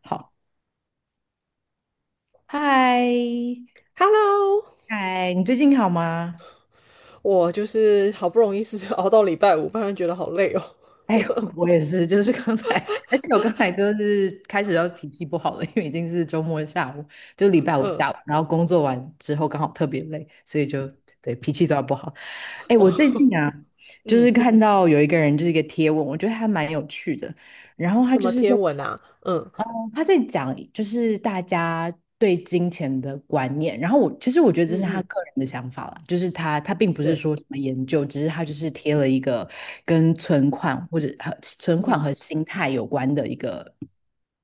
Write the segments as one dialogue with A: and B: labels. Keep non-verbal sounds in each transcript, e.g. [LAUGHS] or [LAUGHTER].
A: 好，嗨，
B: Hello,
A: 嗨，你最近好吗？
B: 我就是好不容易是 [LAUGHS] 熬到礼拜五，不然觉得好累哦。
A: 哎，[LAUGHS] 我也是，就是刚才，而且我刚才就是开始要脾气不好了，因为已经是周末下午，就礼拜五
B: 嗯，
A: 下午，然后工作完之后刚好特别累，所以就对脾气都要不好。哎，我最
B: 哦，
A: 近啊，
B: [LAUGHS]
A: 就是
B: 嗯，
A: 看到有一个人就是一个贴文，我觉得还蛮有趣的，然后他
B: 什么
A: 就是在
B: 天文啊？嗯
A: 他在讲就是大家对金钱的观念，然后我其实我觉得这是
B: 嗯
A: 他
B: 嗯，
A: 个人的想法啦，就是他并不是
B: 对，
A: 说什么研究，只是他就是贴了一个跟存款或者和存款
B: 嗯
A: 和心态有关的一个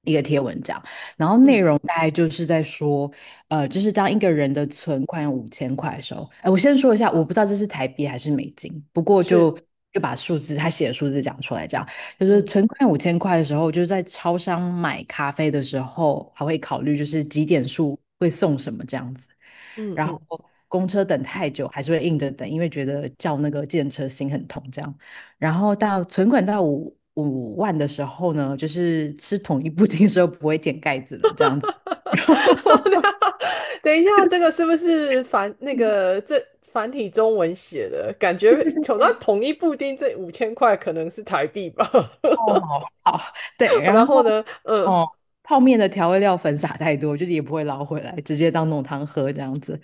A: 一个贴文这样，然后
B: 嗯
A: 内容大概就是在说，就是当一个人的存款有五千块的时候，哎，我先说一下，我不知道这是台币还是美金，不过
B: 是，
A: 就把他写的数字讲出来这样。就是
B: 嗯
A: 存款五千块的时候，就是在超商买咖啡的时候，还会考虑就是几点数会送什么这样子。
B: 嗯
A: 然后
B: 嗯。
A: 公车等太久，还是会硬着等，因为觉得叫那个计程车心很痛这样。然后到存款到5万的时候呢，就是吃统一布丁的时候不会舔盖子了这样子。[LAUGHS]
B: [LAUGHS] 等一下，这个是不是繁那个这繁体中文写的？感觉统一布丁这5000块可能是台币吧。
A: 哦，好，好，对，
B: [LAUGHS]
A: 然
B: 然后
A: 后
B: 呢，嗯，
A: 哦，泡面的调味料粉撒太多，就是也不会捞回来，直接当浓汤喝这样子。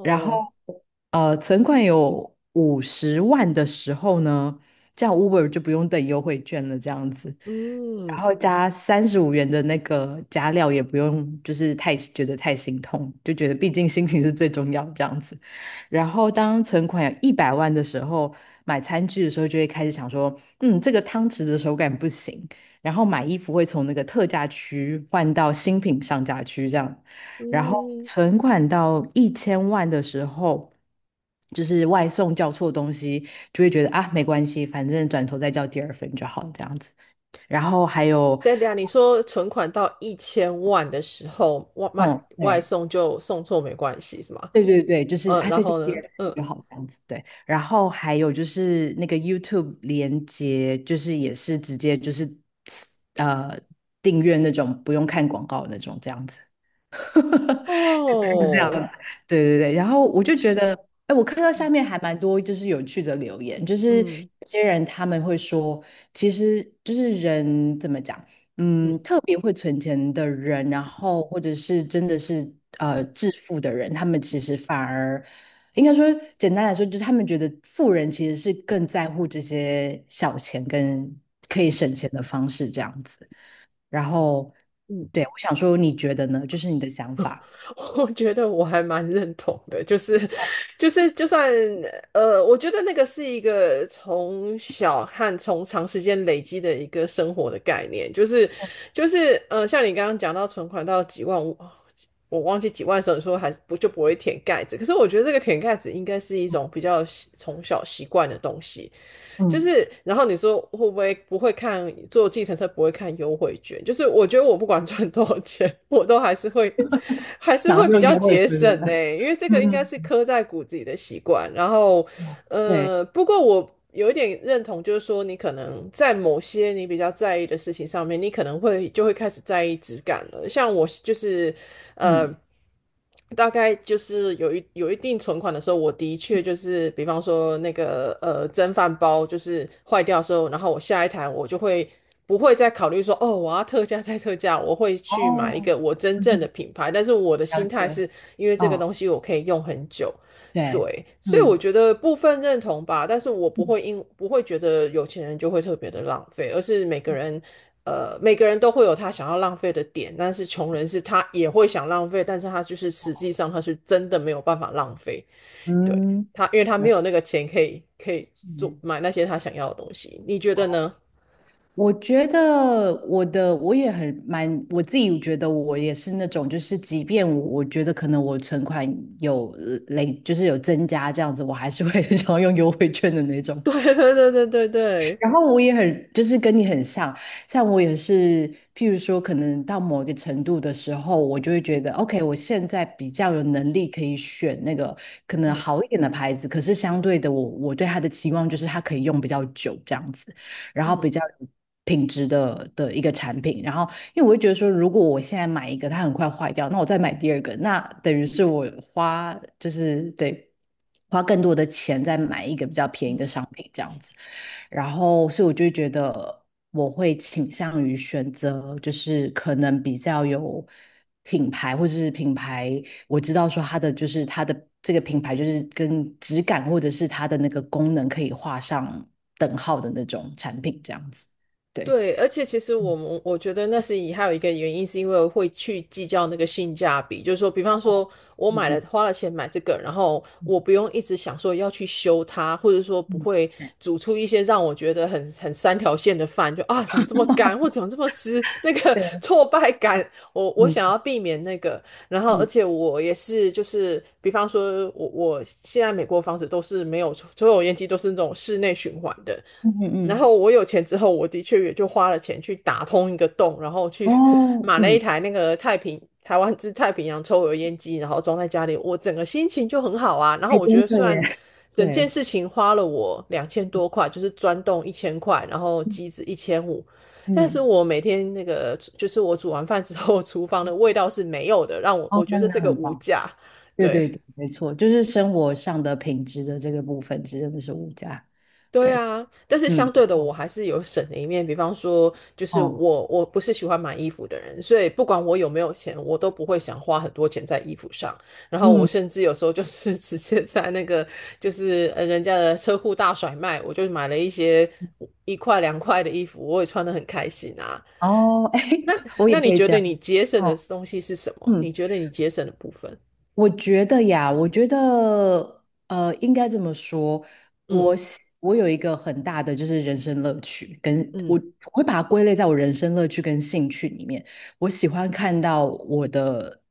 A: 然后存款有50万的时候呢，这样 Uber 就不用等优惠券了，这样子。然
B: 嗯
A: 后加35元的那个加料也不用，就是太觉得太心痛，就觉得毕竟心情是最重要这样子。然后当存款有100万的时候，买餐具的时候就会开始想说，嗯，这个汤匙的手感不行。然后买衣服会从那个特价区换到新品上架区这样。然后
B: 嗯，
A: 存款到1000万的时候，就是外送叫错东西，就会觉得啊没关系，反正转头再叫第二份就好这样子。然后还有，
B: 对对啊，你说存款到1000万的时候，外卖
A: 嗯，
B: 外
A: 对。
B: 送就送错没关系是吗？
A: 对对对，就是
B: 嗯，
A: 啊，
B: 然
A: 再叫
B: 后
A: 第
B: 呢？
A: 二份
B: 嗯，
A: 就好这样子，对。然后还有就是那个 YouTube 连接，就是也是直接就是呃订阅那种不用看广告那种这样子。[LAUGHS] 大概是这样子
B: 哦，
A: 对对对。然后我
B: 一
A: 就觉
B: 千，
A: 得，哎，我看到下
B: 嗯
A: 面还蛮多就是有趣的留言，就是
B: 嗯
A: 有些人他们会说，其实就是人怎么讲，
B: 嗯
A: 特别会存钱的人，然后或者是真的是致富的人，他们其实反而应该说简单来说，就是他们觉得富人其实是更在乎这些小钱跟可以省钱的方式这样子。然后，
B: 嗯。
A: 对，我想说，你觉得呢？就是你的想法。
B: [LAUGHS] 我觉得我还蛮认同的，就是就算我觉得那个是一个从小和从长时间累积的一个生活的概念，就是像你刚刚讲到存款到几万五我忘记几万的时候，你说还不就不会舔盖子，可是我觉得这个舔盖子应该是一种比较从小习惯的东西。就
A: 嗯，
B: 是，然后你说会不会不会坐计程车不会看优惠券？就是我觉得我不管赚多少钱，[LAUGHS] 我都还是会还是
A: 然后
B: 会比
A: 就
B: 较
A: 约会
B: 节
A: 觉
B: 省
A: 得，
B: 呢。欸，因为这个应该
A: 嗯
B: 是
A: 嗯
B: 刻在骨子里的习惯。然后，
A: 对，
B: 不过我有一点认同，就是说你可能在某些你比较在意的事情上面，你可能会就会开始在意质感了。像我就是，呃，
A: 嗯，
B: 大概就是有一定存款的时候，我的确就是，比方说那个蒸饭包就是坏掉的时候，然后我下一台不会再考虑说，哦，我要特价再特价，我会去买一
A: 哦，
B: 个我真
A: 嗯
B: 正的
A: 哼，
B: 品牌，但是我的
A: 了
B: 心态
A: 解，
B: 是因为这个
A: 哦，
B: 东西我可以用很久。
A: 对，
B: 对，所以我
A: 嗯
B: 觉得部分认同吧，但是我
A: 嗯
B: 不会觉得有钱人就会特别的浪费，而是每个人，呃，每个人都会有他想要浪费的点。但是穷人是他也会想浪费，但是他就是实际上他是真的没有办法浪费。对，
A: 嗯。
B: 他，因为他没
A: 嗯，
B: 有那个钱可以可以做
A: 嗯
B: 买那些他想要的东西。你觉得呢？
A: 我觉得我也很蛮，我自己觉得我也是那种，就是即便我觉得可能我存款就是有增加这样子，我还是会 [LAUGHS] 想要用优惠券的那
B: [LAUGHS]
A: 种。
B: 对对对对对对，
A: 然后我也很，就是跟你很像，像我也是，譬如说，可能到某一个程度的时候，我就会觉得，OK，我现在比较有能力可以选那个可能
B: 嗯
A: 好一点的牌子，可是相对的我，我对它的期望就是它可以用比较久这样子，然后
B: 嗯
A: 比较有品质的一个产品，然后因为我会觉得说，如果我现在买一个，它很快坏掉，那我再买第二个，那等于是我花就是对花更多的钱再买一个比较便宜
B: 嗯。
A: 的商品这样子。然后，所以我就会觉得我会倾向于选择就是可能比较有品牌，或者是品牌我知道说它的就是它的这个品牌就是跟质感或者是它的那个功能可以画上等号的那种产品这样子。对，
B: 对，而且其实
A: 嗯
B: 我们，我觉得那是以还有一个原因，是因为会去计较那个性价比，就是说，比方说我买了，
A: 嗯
B: 花了钱买这个，然后
A: 嗯
B: 我不用一直想说要去修它，或者说不
A: 嗯。
B: 会煮出一些让我觉得很很三条线的饭，就啊怎么这么干，或怎么这么湿，那个 [LAUGHS]
A: 对，
B: 挫败感，我想
A: 嗯
B: 要避免那个。然后而
A: 嗯
B: 且我也是就是，比方说我我现在美国房子都是没有抽油烟机，都是那种室内循环的。
A: 嗯嗯
B: 然
A: 嗯，
B: 后我有钱之后，我的确也就花了钱去打通一个洞，然后去 [LAUGHS]
A: 哦，
B: 买了一
A: 嗯，
B: 台那个台湾之太平洋抽油烟机，然后装在家里，我整个心情就很好啊。然后
A: 还
B: 我觉
A: 真
B: 得虽
A: 的耶，
B: 然整件
A: 对，
B: 事情花了我2000多块，就是钻洞1000块，然后机子1500，但是
A: 嗯，
B: 我每天那个就是我煮完饭之后，厨房的味道是没有的，让我
A: 哦，
B: 觉
A: 那样
B: 得
A: 子
B: 这个
A: 很
B: 无
A: 棒，
B: 价。
A: 对对
B: 对。
A: 对，没错，就是生活上的品质的这个部分真的是无价，
B: 对
A: 对，
B: 啊，但是
A: 嗯，
B: 相对的，我
A: 哦，
B: 还是有省的一面。比方说，就是
A: 哦
B: 我不是喜欢买衣服的人，所以不管我有没有钱，我都不会想花很多钱在衣服上。然后我
A: 嗯，
B: 甚至有时候就是 [LAUGHS] 直接在那个就是人家的车库大甩卖，我就买了一些一块两块的衣服，我也穿得很开心啊。
A: 哦，[LAUGHS] 哎，
B: 那
A: 我
B: 那
A: 也
B: 你
A: 会
B: 觉
A: 这
B: 得
A: 样，
B: 你节省的
A: 哦，
B: 东西是什么？你
A: 嗯。
B: 觉得你节省的部分？
A: 我觉得呀，我觉得应该这么说，
B: 嗯
A: 我有一个很大的就是人生乐趣，跟我
B: 嗯，
A: 我会把它归类在我人生乐趣跟兴趣里面。我喜欢看到我的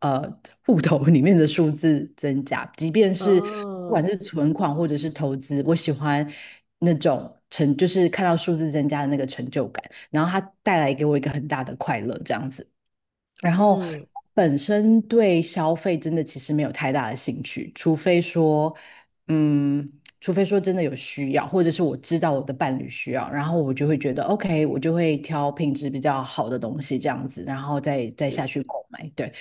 A: 呃户头里面的数字增加，即便是不
B: 哦，
A: 管是存款或者是投资，我喜欢那种成就是看到数字增加的那个成就感，然后它带来给我一个很大的快乐，这样子。然后
B: 嗯，
A: 本身对消费真的其实没有太大的兴趣，除非说，嗯，除非说真的有需要，或者是我知道我的伴侣需要，然后我就会觉得 OK，我就会挑品质比较好的东西这样子，然后再下
B: 是
A: 去购买。对，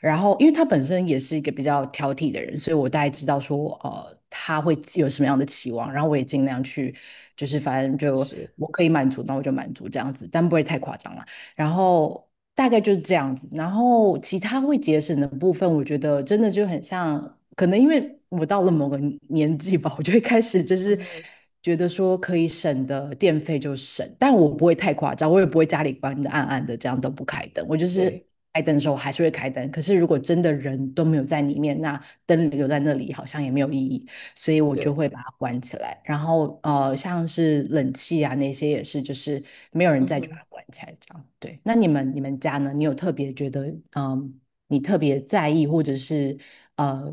A: 然后因为他本身也是一个比较挑剔的人，所以我大概知道说，他会有什么样的期望，然后我也尽量去，就是反正就
B: 是，
A: 我可以满足，那我就满足这样子，但不会太夸张啦。然后大概就是这样子。然后其他会节省的部分，我觉得真的就很像，可能因为我到了某个年纪吧，我就会开始就是
B: 嗯，
A: 觉得说可以省的电费就省，但我不会太夸张，我也不会家里关的暗暗的，这样都不开灯，我就是。
B: 对
A: 开灯的时候我还是会开灯，可是如果真的人都没有在里面，那灯留在那里好像也没有意义。所以我
B: 对。
A: 就会把它关起来。然后像是冷气啊那些也是，就是没有人
B: 嗯
A: 在就把
B: 哼，
A: 它关起来这样。对，那你们家呢？你有特别觉得你特别在意或者是呃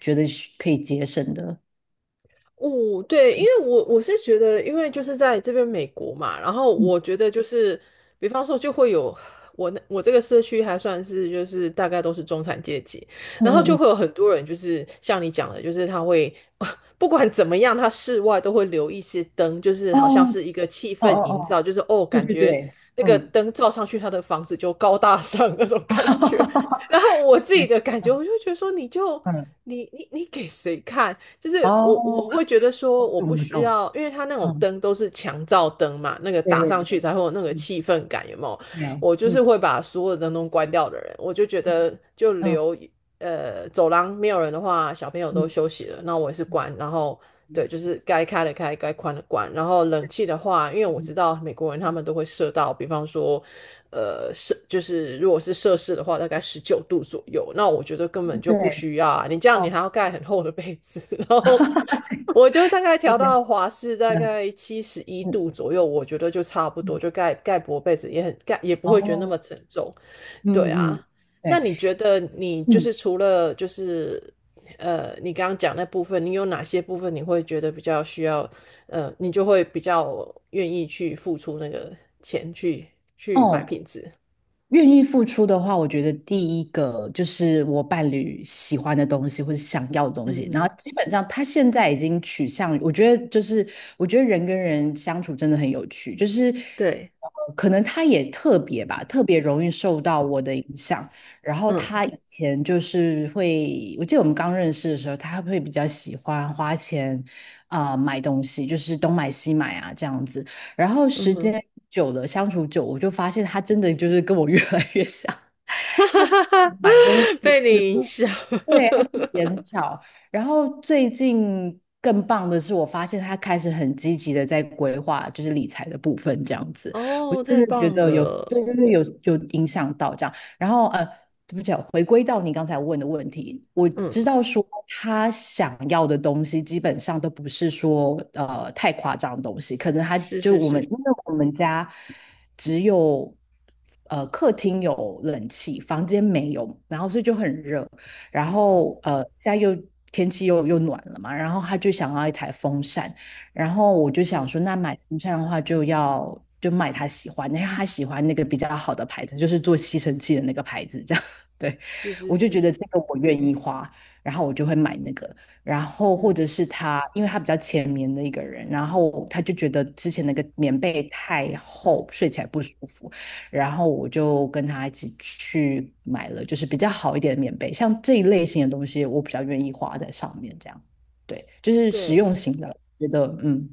A: 觉得是可以节省的？
B: 哦，对，因为我是觉得，因为就是在这边美国嘛，然后
A: 嗯
B: 我觉得就是，比方说就会有，我这个社区还算是就是大概都是中产阶级，
A: 嗯
B: 然后
A: 嗯
B: 就
A: 嗯，
B: 会有很多人就是像你讲的，就是他会 [LAUGHS] 不管怎么样，他室外都会留一些灯，就是
A: 哦
B: 好像是一个气
A: 哦哦
B: 氛营造，
A: 哦，
B: 就是哦，
A: 对
B: 感
A: 对
B: 觉
A: 对，
B: 那个
A: 嗯，
B: 灯照上去，他的房子就高大上那种感觉。
A: [LAUGHS]
B: 然后我自
A: 对，
B: 己的感觉，
A: 嗯
B: 我就觉得说，你就
A: 嗯，
B: 你你你给谁看？就是我
A: 哦，
B: 我会觉得说，我不
A: 我
B: 需
A: 懂，
B: 要，因为它那种
A: 嗯，
B: 灯都是强照灯嘛，那个
A: 对
B: 打上
A: 对
B: 去
A: 对，
B: 才会有那个
A: 嗯，
B: 气氛感，有没有？
A: 对，
B: 我就是
A: 嗯
B: 会把所有的灯都关掉的人，我就觉得
A: 嗯
B: 走廊没有人的话，小朋友都
A: 嗯
B: 休息了，那我也是关。然后
A: 嗯
B: 对，就是该开的开，该关的关。然后冷气的话，因为我知道美国人他们都会设到，比方说，呃，就是如果是摄氏的话，大概19度左右。那我觉得根本
A: 嗯，
B: 就不
A: 对，
B: 需要啊，你这样你
A: 哦，
B: 还要盖很厚的被子，然后。我就大
A: [LAUGHS]
B: 概
A: 对
B: 调
A: 对，
B: 到华氏大
A: 嗯
B: 概七十一
A: 嗯
B: 度左右，我觉得就差不多，
A: 嗯，
B: 就盖盖薄被子也很盖，也不会觉得那
A: 哦，
B: 么沉重。对
A: 嗯
B: 啊，
A: 嗯，
B: 那
A: 对，
B: 你觉得你就
A: 嗯，
B: 是除了就是你刚刚讲那部分，你有哪些部分你会觉得比较需要，你就会比较愿意去付出那个钱去买
A: 哦，
B: 品质？
A: 愿意付出的话，我觉得第一个就是我伴侣喜欢的东西或者想要的东
B: 嗯
A: 西，然后
B: 哼，
A: 基本上他现在已经取向于我觉得就是我觉得人跟人相处真的很有趣，就是
B: 对，
A: 可能他也特别吧，特别容易受到我的影响。然后他
B: 嗯，
A: 以前就是会，我记得我们刚认识的时候，他会比较喜欢花钱啊、买东西，就是东买西买啊这样子。然后
B: 嗯
A: 时
B: 哼，
A: 间久了，相处久，我就发现他真的就是跟我越来越像，买东西
B: [LAUGHS] 被
A: 次
B: 你影
A: 数
B: 响，
A: 对，它就减
B: [LAUGHS]
A: 少。然后最近更棒的是，我发现他开始很积极的在规划，就是理财的部分这样子。我
B: 哦，
A: 真
B: 太
A: 的觉
B: 棒
A: 得有，
B: 了，
A: 对对对，有有影响到这样。然后对不起啊回归到你刚才问的问题，我知
B: 嗯，
A: 道说他想要的东西基本上都不是说太夸张的东西，可能
B: 是是
A: 我们
B: 是，
A: 因为我们家只有客厅有冷气，房间没有，然后所以就很热。然
B: 嗯
A: 后现在又天气又暖了嘛，然后他就想要一台风扇，然后我就想
B: 嗯，
A: 说，那买风扇的话就要就买他喜欢的，因为他喜欢那个比较好的牌子，就是做吸尘器的那个牌子，这样。[LAUGHS] 对，
B: 是是
A: 我就觉
B: 是，
A: 得这个我愿意花，然后我就会买那个，然后或
B: 嗯
A: 者是他，因为他比较浅眠的一个人，然后他就觉得之前那个棉被太
B: 嗯，
A: 厚，睡起来不舒服，然后我就跟他一起去买了，就是比较好一点的棉被，像这一类型的东西，我比较愿意花在上面，这样，对，就是实
B: 对，
A: 用型的，觉得嗯，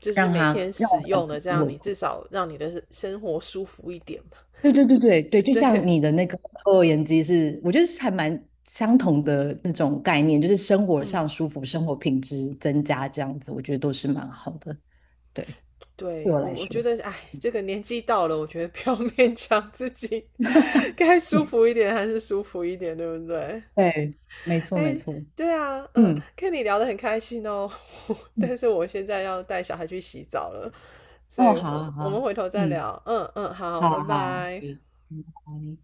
B: 就是
A: 让
B: 每
A: 他
B: 天
A: 让我
B: 使
A: 感
B: 用
A: 觉
B: 的，这
A: 很
B: 样
A: 稳
B: 你至
A: 固。
B: 少让你的生活舒服一点嘛。
A: 对对对对对，就像
B: 对，
A: 你的那个抽油烟机是，我觉得是还蛮相同的那种概念，就是生活上
B: 嗯，
A: 舒服，生活品质增加这样子，我觉得都是蛮好的。对，对
B: 对
A: 我
B: 我
A: 来
B: 我觉
A: 说，
B: 得，哎，这个年纪到了，我觉得 [LAUGHS] 不要勉强自己，该舒
A: 嗯
B: 服一点还是舒服一点，对不对？
A: 对，没错没
B: 哎，
A: 错，
B: 对啊，嗯，
A: 嗯
B: 跟你聊得很开心哦。[LAUGHS] 但
A: 嗯，
B: 是我现在要带小孩去洗澡了，所
A: 哦，
B: 以
A: 好啊
B: 我
A: 好
B: 我们
A: 啊，
B: 回头再
A: 嗯。
B: 聊。嗯嗯，好，
A: 好
B: 拜
A: 好，
B: 拜。
A: 对，拜拜。